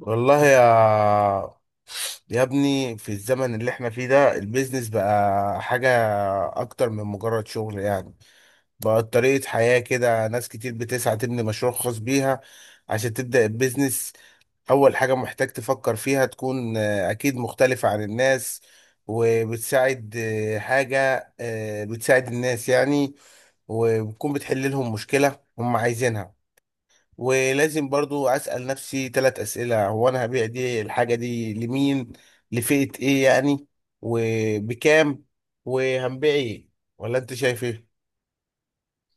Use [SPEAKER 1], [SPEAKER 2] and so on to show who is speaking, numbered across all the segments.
[SPEAKER 1] والله يا ابني، في الزمن اللي احنا فيه ده البيزنس بقى حاجة أكتر من مجرد شغل يعني. بقى طريقة حياة كده. ناس كتير بتسعى تبني مشروع خاص بيها. عشان تبدأ البيزنس، أول حاجة محتاج تفكر فيها تكون أكيد مختلفة عن الناس وبتساعد، حاجة بتساعد الناس يعني، وبتكون بتحل لهم مشكلة هم عايزينها. ولازم برضو اسال نفسي 3 اسئله: هو انا هبيع دي الحاجه دي لمين؟ لفئه ايه يعني؟ وبكام؟ وهنبيع ايه؟ ولا انت شايف ايه؟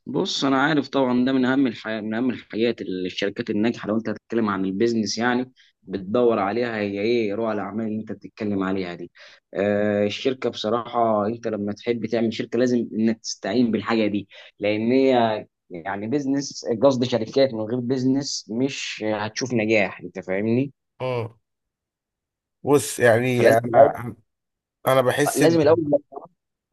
[SPEAKER 2] بص، انا عارف طبعا ده من اهم الحاجات اللي الشركات الناجحه، لو انت هتتكلم عن البيزنس يعني، بتدور عليها. هي ايه رؤى الاعمال اللي انت بتتكلم عليها دي؟ الشركه بصراحه، انت لما تحب تعمل شركه لازم انك تستعين بالحاجه دي، لان هي يعني بيزنس، قصد شركات من غير بيزنس مش هتشوف نجاح، انت فاهمني.
[SPEAKER 1] مم. بص يعني
[SPEAKER 2] فلازم الاول
[SPEAKER 1] انا بحس ان
[SPEAKER 2] لازم الاول،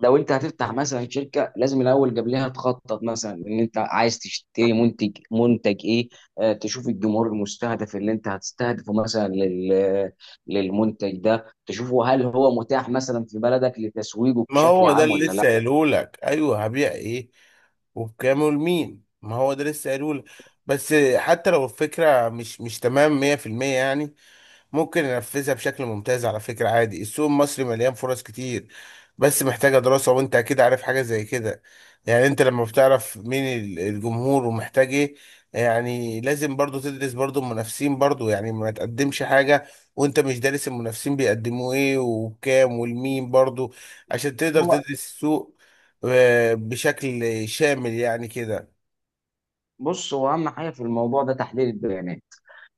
[SPEAKER 2] لو انت هتفتح مثلا شركه لازم الاول قبلها تخطط، مثلا ان انت عايز تشتري منتج ايه. تشوف الجمهور المستهدف اللي انت هتستهدفه مثلا للمنتج ده، تشوفه هل هو متاح مثلا في بلدك لتسويقه
[SPEAKER 1] ما
[SPEAKER 2] بشكل
[SPEAKER 1] هو ده
[SPEAKER 2] عام
[SPEAKER 1] اللي
[SPEAKER 2] ولا.
[SPEAKER 1] لسه قايله لك. ايوه، هبيع ايه وبكام ولمين، ما هو ده لسه قايله لك. بس حتى لو الفكره مش تمام 100% يعني، ممكن ننفذها بشكل ممتاز. على فكرة عادي، السوق المصري مليان فرص كتير، بس محتاجة دراسة، وانت اكيد عارف حاجة زي كده. يعني انت لما بتعرف مين الجمهور ومحتاج ايه، يعني لازم برضو تدرس برضو المنافسين برضو، يعني ما تقدمش حاجة وانت مش دارس المنافسين بيقدموا ايه وبكام والمين برضو، عشان تقدر
[SPEAKER 2] لا،
[SPEAKER 1] تدرس السوق بشكل شامل يعني كده.
[SPEAKER 2] بص، هو اهم حاجه في الموضوع ده تحليل البيانات.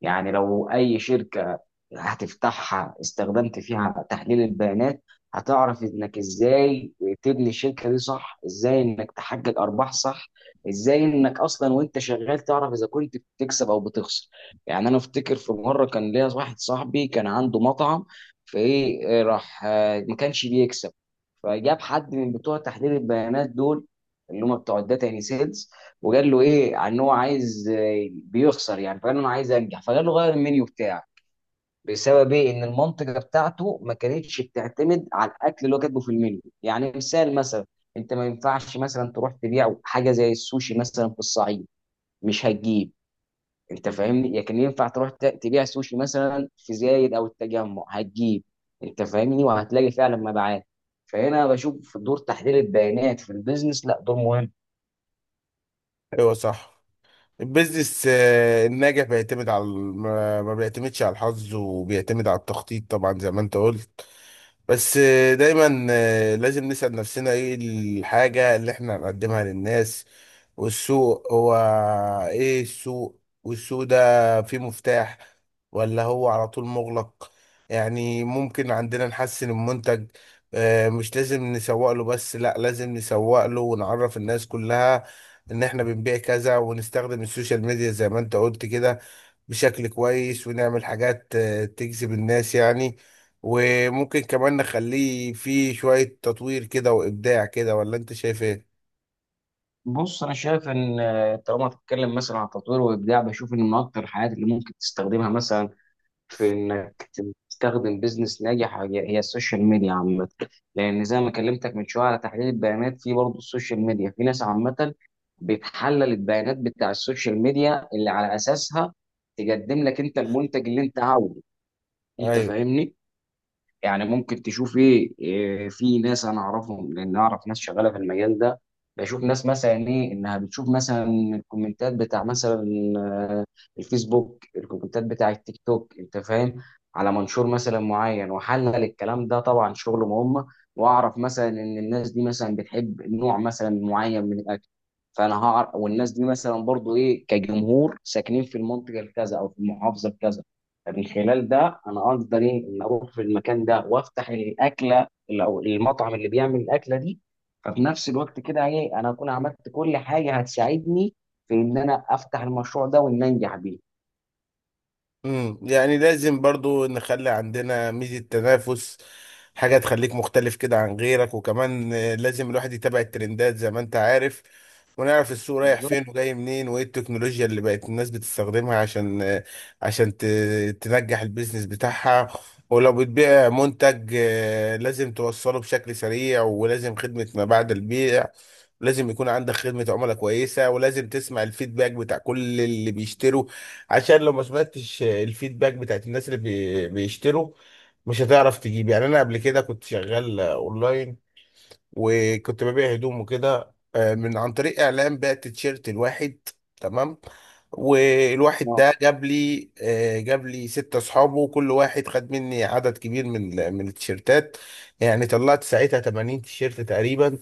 [SPEAKER 2] يعني لو اي شركه هتفتحها استخدمت فيها تحليل البيانات هتعرف انك ازاي تبني الشركه دي صح، ازاي انك تحقق ارباح صح، ازاي انك اصلا وانت شغال تعرف اذا كنت بتكسب او بتخسر. يعني انا افتكر في مره كان ليا واحد صاحبي كان عنده مطعم، فايه إيه، راح ما كانش بيكسب، فجاب حد من بتوع تحليل البيانات دول، اللي هم بتوع الداتا يعني سيلز. وقال له ايه عن ان هو عايز بيخسر يعني، فقال له انا عايز انجح، فقال له غير المنيو بتاعك. بسبب ايه؟ ان المنطقه بتاعته ما كانتش بتعتمد على الاكل اللي هو كاتبه في المنيو. يعني مثال مثلا، انت ما ينفعش مثلا تروح تبيع حاجه زي السوشي مثلا في الصعيد، مش هتجيب، انت فاهمني. لكن ينفع تروح تبيع سوشي مثلا في زايد او التجمع، هتجيب، انت فاهمني، وهتلاقي فعلا مبيعات. فهنا بشوف دور تحليل البيانات في البيزنس، لا دور مهم.
[SPEAKER 1] ايوه صح، البيزنس الناجح ما بيعتمدش على الحظ، وبيعتمد على التخطيط طبعا زي ما انت قلت. بس دايما لازم نسأل نفسنا ايه الحاجة اللي احنا هنقدمها للناس، والسوق هو ايه؟ السوق والسوق ده فيه مفتاح ولا هو على طول مغلق؟ يعني ممكن عندنا نحسن المنتج، مش لازم نسوق له بس، لا لازم نسوق له ونعرف الناس كلها ان احنا بنبيع كذا، ونستخدم السوشيال ميديا زي ما انت قلت كده بشكل كويس، ونعمل حاجات تجذب الناس يعني، وممكن كمان نخليه فيه شوية تطوير كده وإبداع كده، ولا أنت شايف إيه؟
[SPEAKER 2] بص، انا شايف ان طالما هتتكلم مثلا عن تطوير وابداع، بشوف ان من اكتر الحاجات اللي ممكن تستخدمها مثلا في انك تستخدم بيزنس ناجح هي هي السوشيال ميديا عامه. لان زي ما كلمتك من شويه على تحليل البيانات، في برضه السوشيال ميديا في ناس عامه بتحلل البيانات بتاع السوشيال ميديا اللي على اساسها تقدم لك انت المنتج اللي انت عاوزه، انت
[SPEAKER 1] أيوه.
[SPEAKER 2] فاهمني. يعني ممكن تشوف ايه إيه، في ناس انا اعرفهم لان اعرف ناس شغاله في المجال ده. بشوف ناس مثلا ايه انها بتشوف مثلا الكومنتات بتاع مثلا آه، الفيسبوك، الكومنتات بتاع التيك توك، انت فاهم، على منشور مثلا معين وحلل الكلام ده، طبعا شغل مهم. واعرف مثلا ان الناس دي مثلا بتحب نوع مثلا معين من الاكل، فانا هعرف، والناس دي مثلا برضو ايه كجمهور ساكنين في المنطقه الكذا او في المحافظه الكذا. من خلال ده انا اقدر ايه ان اروح في المكان ده وافتح الاكله او المطعم اللي بيعمل الاكله دي. ففي نفس الوقت كده ايه انا اكون عملت كل حاجه هتساعدني في ان انا افتح المشروع ده وان انجح بيه.
[SPEAKER 1] امم، يعني لازم برضو نخلي عندنا ميزة تنافس، حاجة تخليك مختلف كده عن غيرك، وكمان لازم الواحد يتابع الترندات زي ما انت عارف، ونعرف السوق رايح
[SPEAKER 2] بالظبط.
[SPEAKER 1] فين وجاي منين وايه التكنولوجيا اللي بقت الناس بتستخدمها، عشان عشان تنجح البيزنس بتاعها. ولو بتبيع منتج، لازم توصله بشكل سريع، ولازم خدمة ما بعد البيع. لازم يكون عندك خدمة عملاء كويسة، ولازم تسمع الفيدباك بتاع كل اللي بيشتروا، عشان لو ما سمعتش الفيدباك بتاعت الناس اللي بيشتروا، مش هتعرف تجيب. يعني انا قبل كده كنت شغال اونلاين، وكنت ببيع هدوم وكده، من عن طريق اعلان، بعت تيشيرت الواحد تمام، والواحد
[SPEAKER 2] آه.
[SPEAKER 1] ده جاب لي، جاب لي 6 اصحابه، وكل واحد خد مني عدد كبير من من التيشيرتات. يعني طلعت ساعتها 80 تيشيرت تقريبا،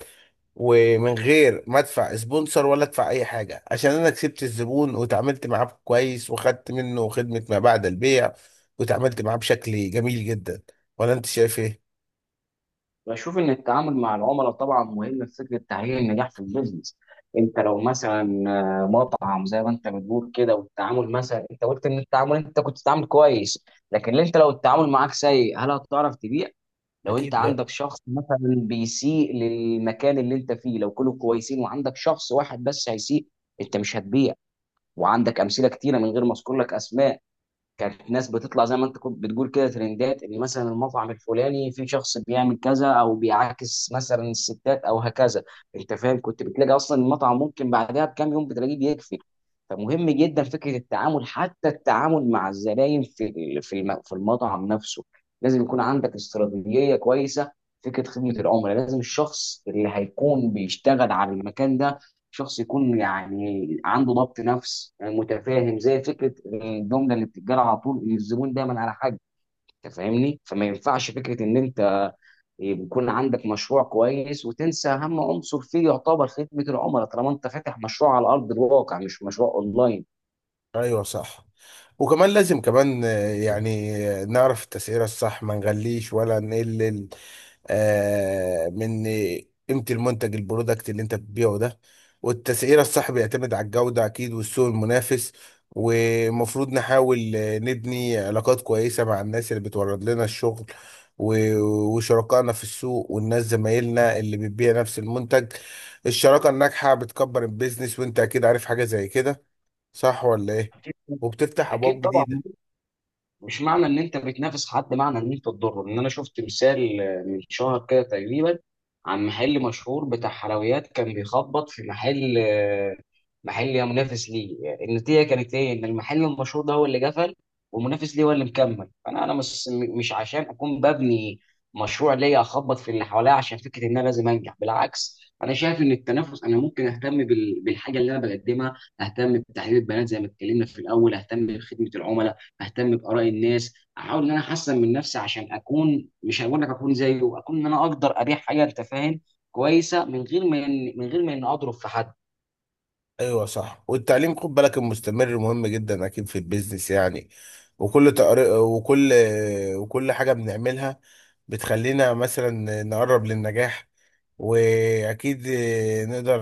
[SPEAKER 1] ومن غير ما ادفع سبونسر ولا ادفع اي حاجه، عشان انا كسبت الزبون وتعاملت معاه كويس، وخدت منه خدمه ما بعد البيع، وتعاملت معاه بشكل جميل جدا. ولا انت شايف ايه؟
[SPEAKER 2] بشوف ان التعامل مع العملاء طبعا مهم في فكره تحقيق النجاح في البيزنس. انت لو مثلا مطعم زي ما انت بتقول كده، والتعامل مثلا، انت قلت ان التعامل انت كنت بتتعامل كويس، لكن انت لو التعامل معاك سيء هل هتعرف تبيع؟ لو انت
[SPEAKER 1] أكيد لا.
[SPEAKER 2] عندك شخص مثلا بيسيء للمكان اللي انت فيه، لو كلهم كويسين وعندك شخص واحد بس هيسيء انت مش هتبيع. وعندك امثله كتيره من غير ما اذكر لك اسماء، كانت ناس بتطلع زي ما انت كنت بتقول كده ترندات، ان مثلا المطعم الفلاني في شخص بيعمل كذا او بيعاكس مثلا الستات او هكذا، انت فاهم، كنت بتلاقي اصلا المطعم ممكن بعدها بكام يوم بتلاقيه بيقفل. فمهم جدا فكره التعامل، حتى التعامل مع الزباين في المطعم نفسه، لازم يكون عندك استراتيجيه كويسه. فكره خدمه العملاء، لازم الشخص اللي هيكون بيشتغل على المكان ده شخص يكون يعني عنده ضبط نفس، متفاهم، زي فكره الجمله اللي بتتقال على طول إن الزبون دايما على حق، انت فاهمني. فما ينفعش فكره ان انت يكون عندك مشروع كويس وتنسى اهم عنصر فيه يعتبر خدمه العملاء، طالما انت فاتح مشروع على ارض الواقع مش مشروع اونلاين.
[SPEAKER 1] ايوه صح، وكمان لازم كمان يعني نعرف التسعيره الصح، ما نغليش ولا نقلل من قيمة المنتج البرودكت اللي انت بتبيعه ده. والتسعيرة الصح بيعتمد على الجودة أكيد والسوق المنافس. ومفروض نحاول نبني علاقات كويسة مع الناس اللي بتورد لنا الشغل وشركائنا في السوق، والناس زمايلنا اللي بتبيع نفس المنتج. الشراكة الناجحة بتكبر البيزنس، وانت أكيد عارف حاجة زي كده، صح ولا ايه؟
[SPEAKER 2] اكيد.
[SPEAKER 1] وبتفتح أبواب
[SPEAKER 2] أكيد طبعا.
[SPEAKER 1] جديدة.
[SPEAKER 2] مش معنى ان انت بتنافس حد معنى ان انت تضره. ان انا شفت مثال من شهر كده تقريبا، عن محل مشهور بتاع حلويات كان بيخبط في محل محل يا منافس ليه. النتيجه كانت ايه؟ ان المحل المشهور ده هو اللي قفل والمنافس ليه هو اللي مكمل. فانا مش عشان اكون ببني مشروع ليا اخبط في اللي حواليا عشان فكره ان انا لازم انجح. بالعكس، انا شايف ان التنافس انا ممكن اهتم بالحاجه اللي انا بقدمها، اهتم بتحليل البيانات زي ما اتكلمنا في الاول، اهتم بخدمه العملاء، اهتم باراء الناس، احاول ان انا احسن من نفسي عشان اكون مش هقول لك اكون زيه، اكون ان انا اقدر ابيع حاجه، انت فاهم، كويسه من غير ما من غير ما اني اضرب في حد.
[SPEAKER 1] ايوه صح، والتعليم، خد بالك، المستمر مهم جدا اكيد في البيزنس يعني. وكل وكل حاجه بنعملها بتخلينا مثلا نقرب للنجاح. واكيد نقدر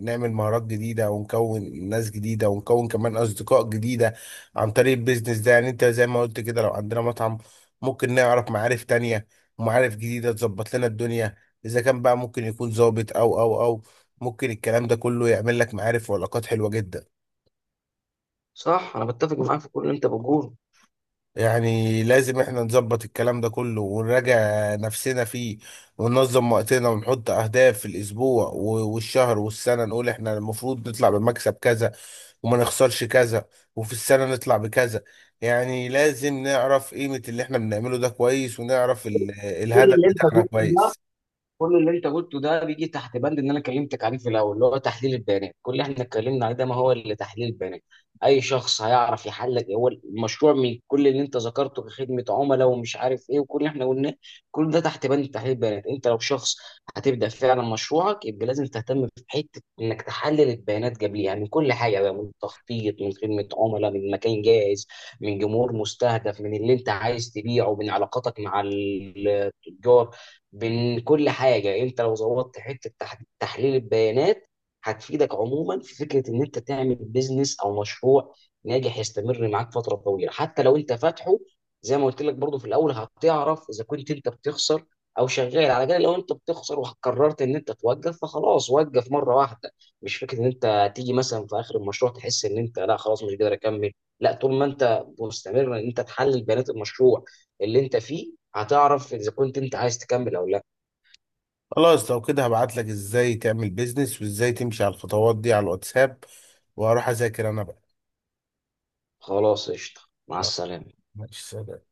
[SPEAKER 1] نعمل مهارات جديده، ونكون ناس جديده، ونكون كمان اصدقاء جديده عن طريق البيزنس ده. يعني انت زي ما قلت كده، لو عندنا مطعم، ممكن نعرف معارف تانية، ومعارف جديده تظبط لنا الدنيا. اذا كان بقى ممكن يكون ظابط او ممكن الكلام ده كله يعمل لك معارف وعلاقات حلوة جدا.
[SPEAKER 2] صح، انا بتفق معاك في كل اللي انت بتقوله.
[SPEAKER 1] يعني لازم احنا نظبط الكلام ده كله ونراجع نفسنا فيه، وننظم وقتنا، ونحط اهداف في الاسبوع والشهر والسنة، نقول احنا المفروض نطلع بمكسب كذا، وما نخسرش كذا، وفي السنة نطلع بكذا. يعني لازم نعرف قيمة اللي احنا بنعمله ده كويس، ونعرف
[SPEAKER 2] كل
[SPEAKER 1] الهدف
[SPEAKER 2] اللي انت
[SPEAKER 1] بتاعنا
[SPEAKER 2] قلته ده،
[SPEAKER 1] كويس.
[SPEAKER 2] بيجي تحت بند ان انا كلمتك عليه في الاول، اللي هو تحليل البيانات. كل اللي احنا اتكلمنا عليه ده ما هو اللي تحليل البيانات. اي شخص هيعرف يحلل هو المشروع من كل اللي انت ذكرته كخدمه عملاء ومش عارف ايه، وكل اللي احنا قلناه، كل ده تحت بند تحليل البيانات. انت لو شخص هتبدا فعلا مشروعك يبقى لازم تهتم في حته انك تحلل البيانات قبليها، يعني من كل حاجه بقى، من تخطيط، من خدمه عملاء، من مكان جاهز، من جمهور مستهدف، من اللي انت عايز تبيعه، من علاقاتك مع التجار، بين كل حاجه. انت لو ظبطت حته تحليل البيانات هتفيدك عموما في فكره ان انت تعمل بيزنس او مشروع ناجح يستمر معاك فتره طويله. حتى لو انت فاتحه، زي ما قلت لك برضو في الاول، هتعرف اذا كنت انت بتخسر او شغال. على الاقل لو انت بتخسر وقررت ان انت توقف فخلاص، وقف مره واحده. مش فكره ان انت تيجي مثلا في اخر المشروع تحس ان انت لا، خلاص مش قادر اكمل. لا، طول ما انت مستمر ان انت تحلل بيانات المشروع اللي انت فيه هتعرف إذا كنت أنت عايز تكمل أو لأ.
[SPEAKER 1] خلاص، لو كده هبعت لك ازاي تعمل بيزنس وازاي تمشي على الخطوات دي على الواتساب، وهروح اذاكر انا بقى.
[SPEAKER 2] خلاص قشطة. مع السلامة.
[SPEAKER 1] ماشي سلام.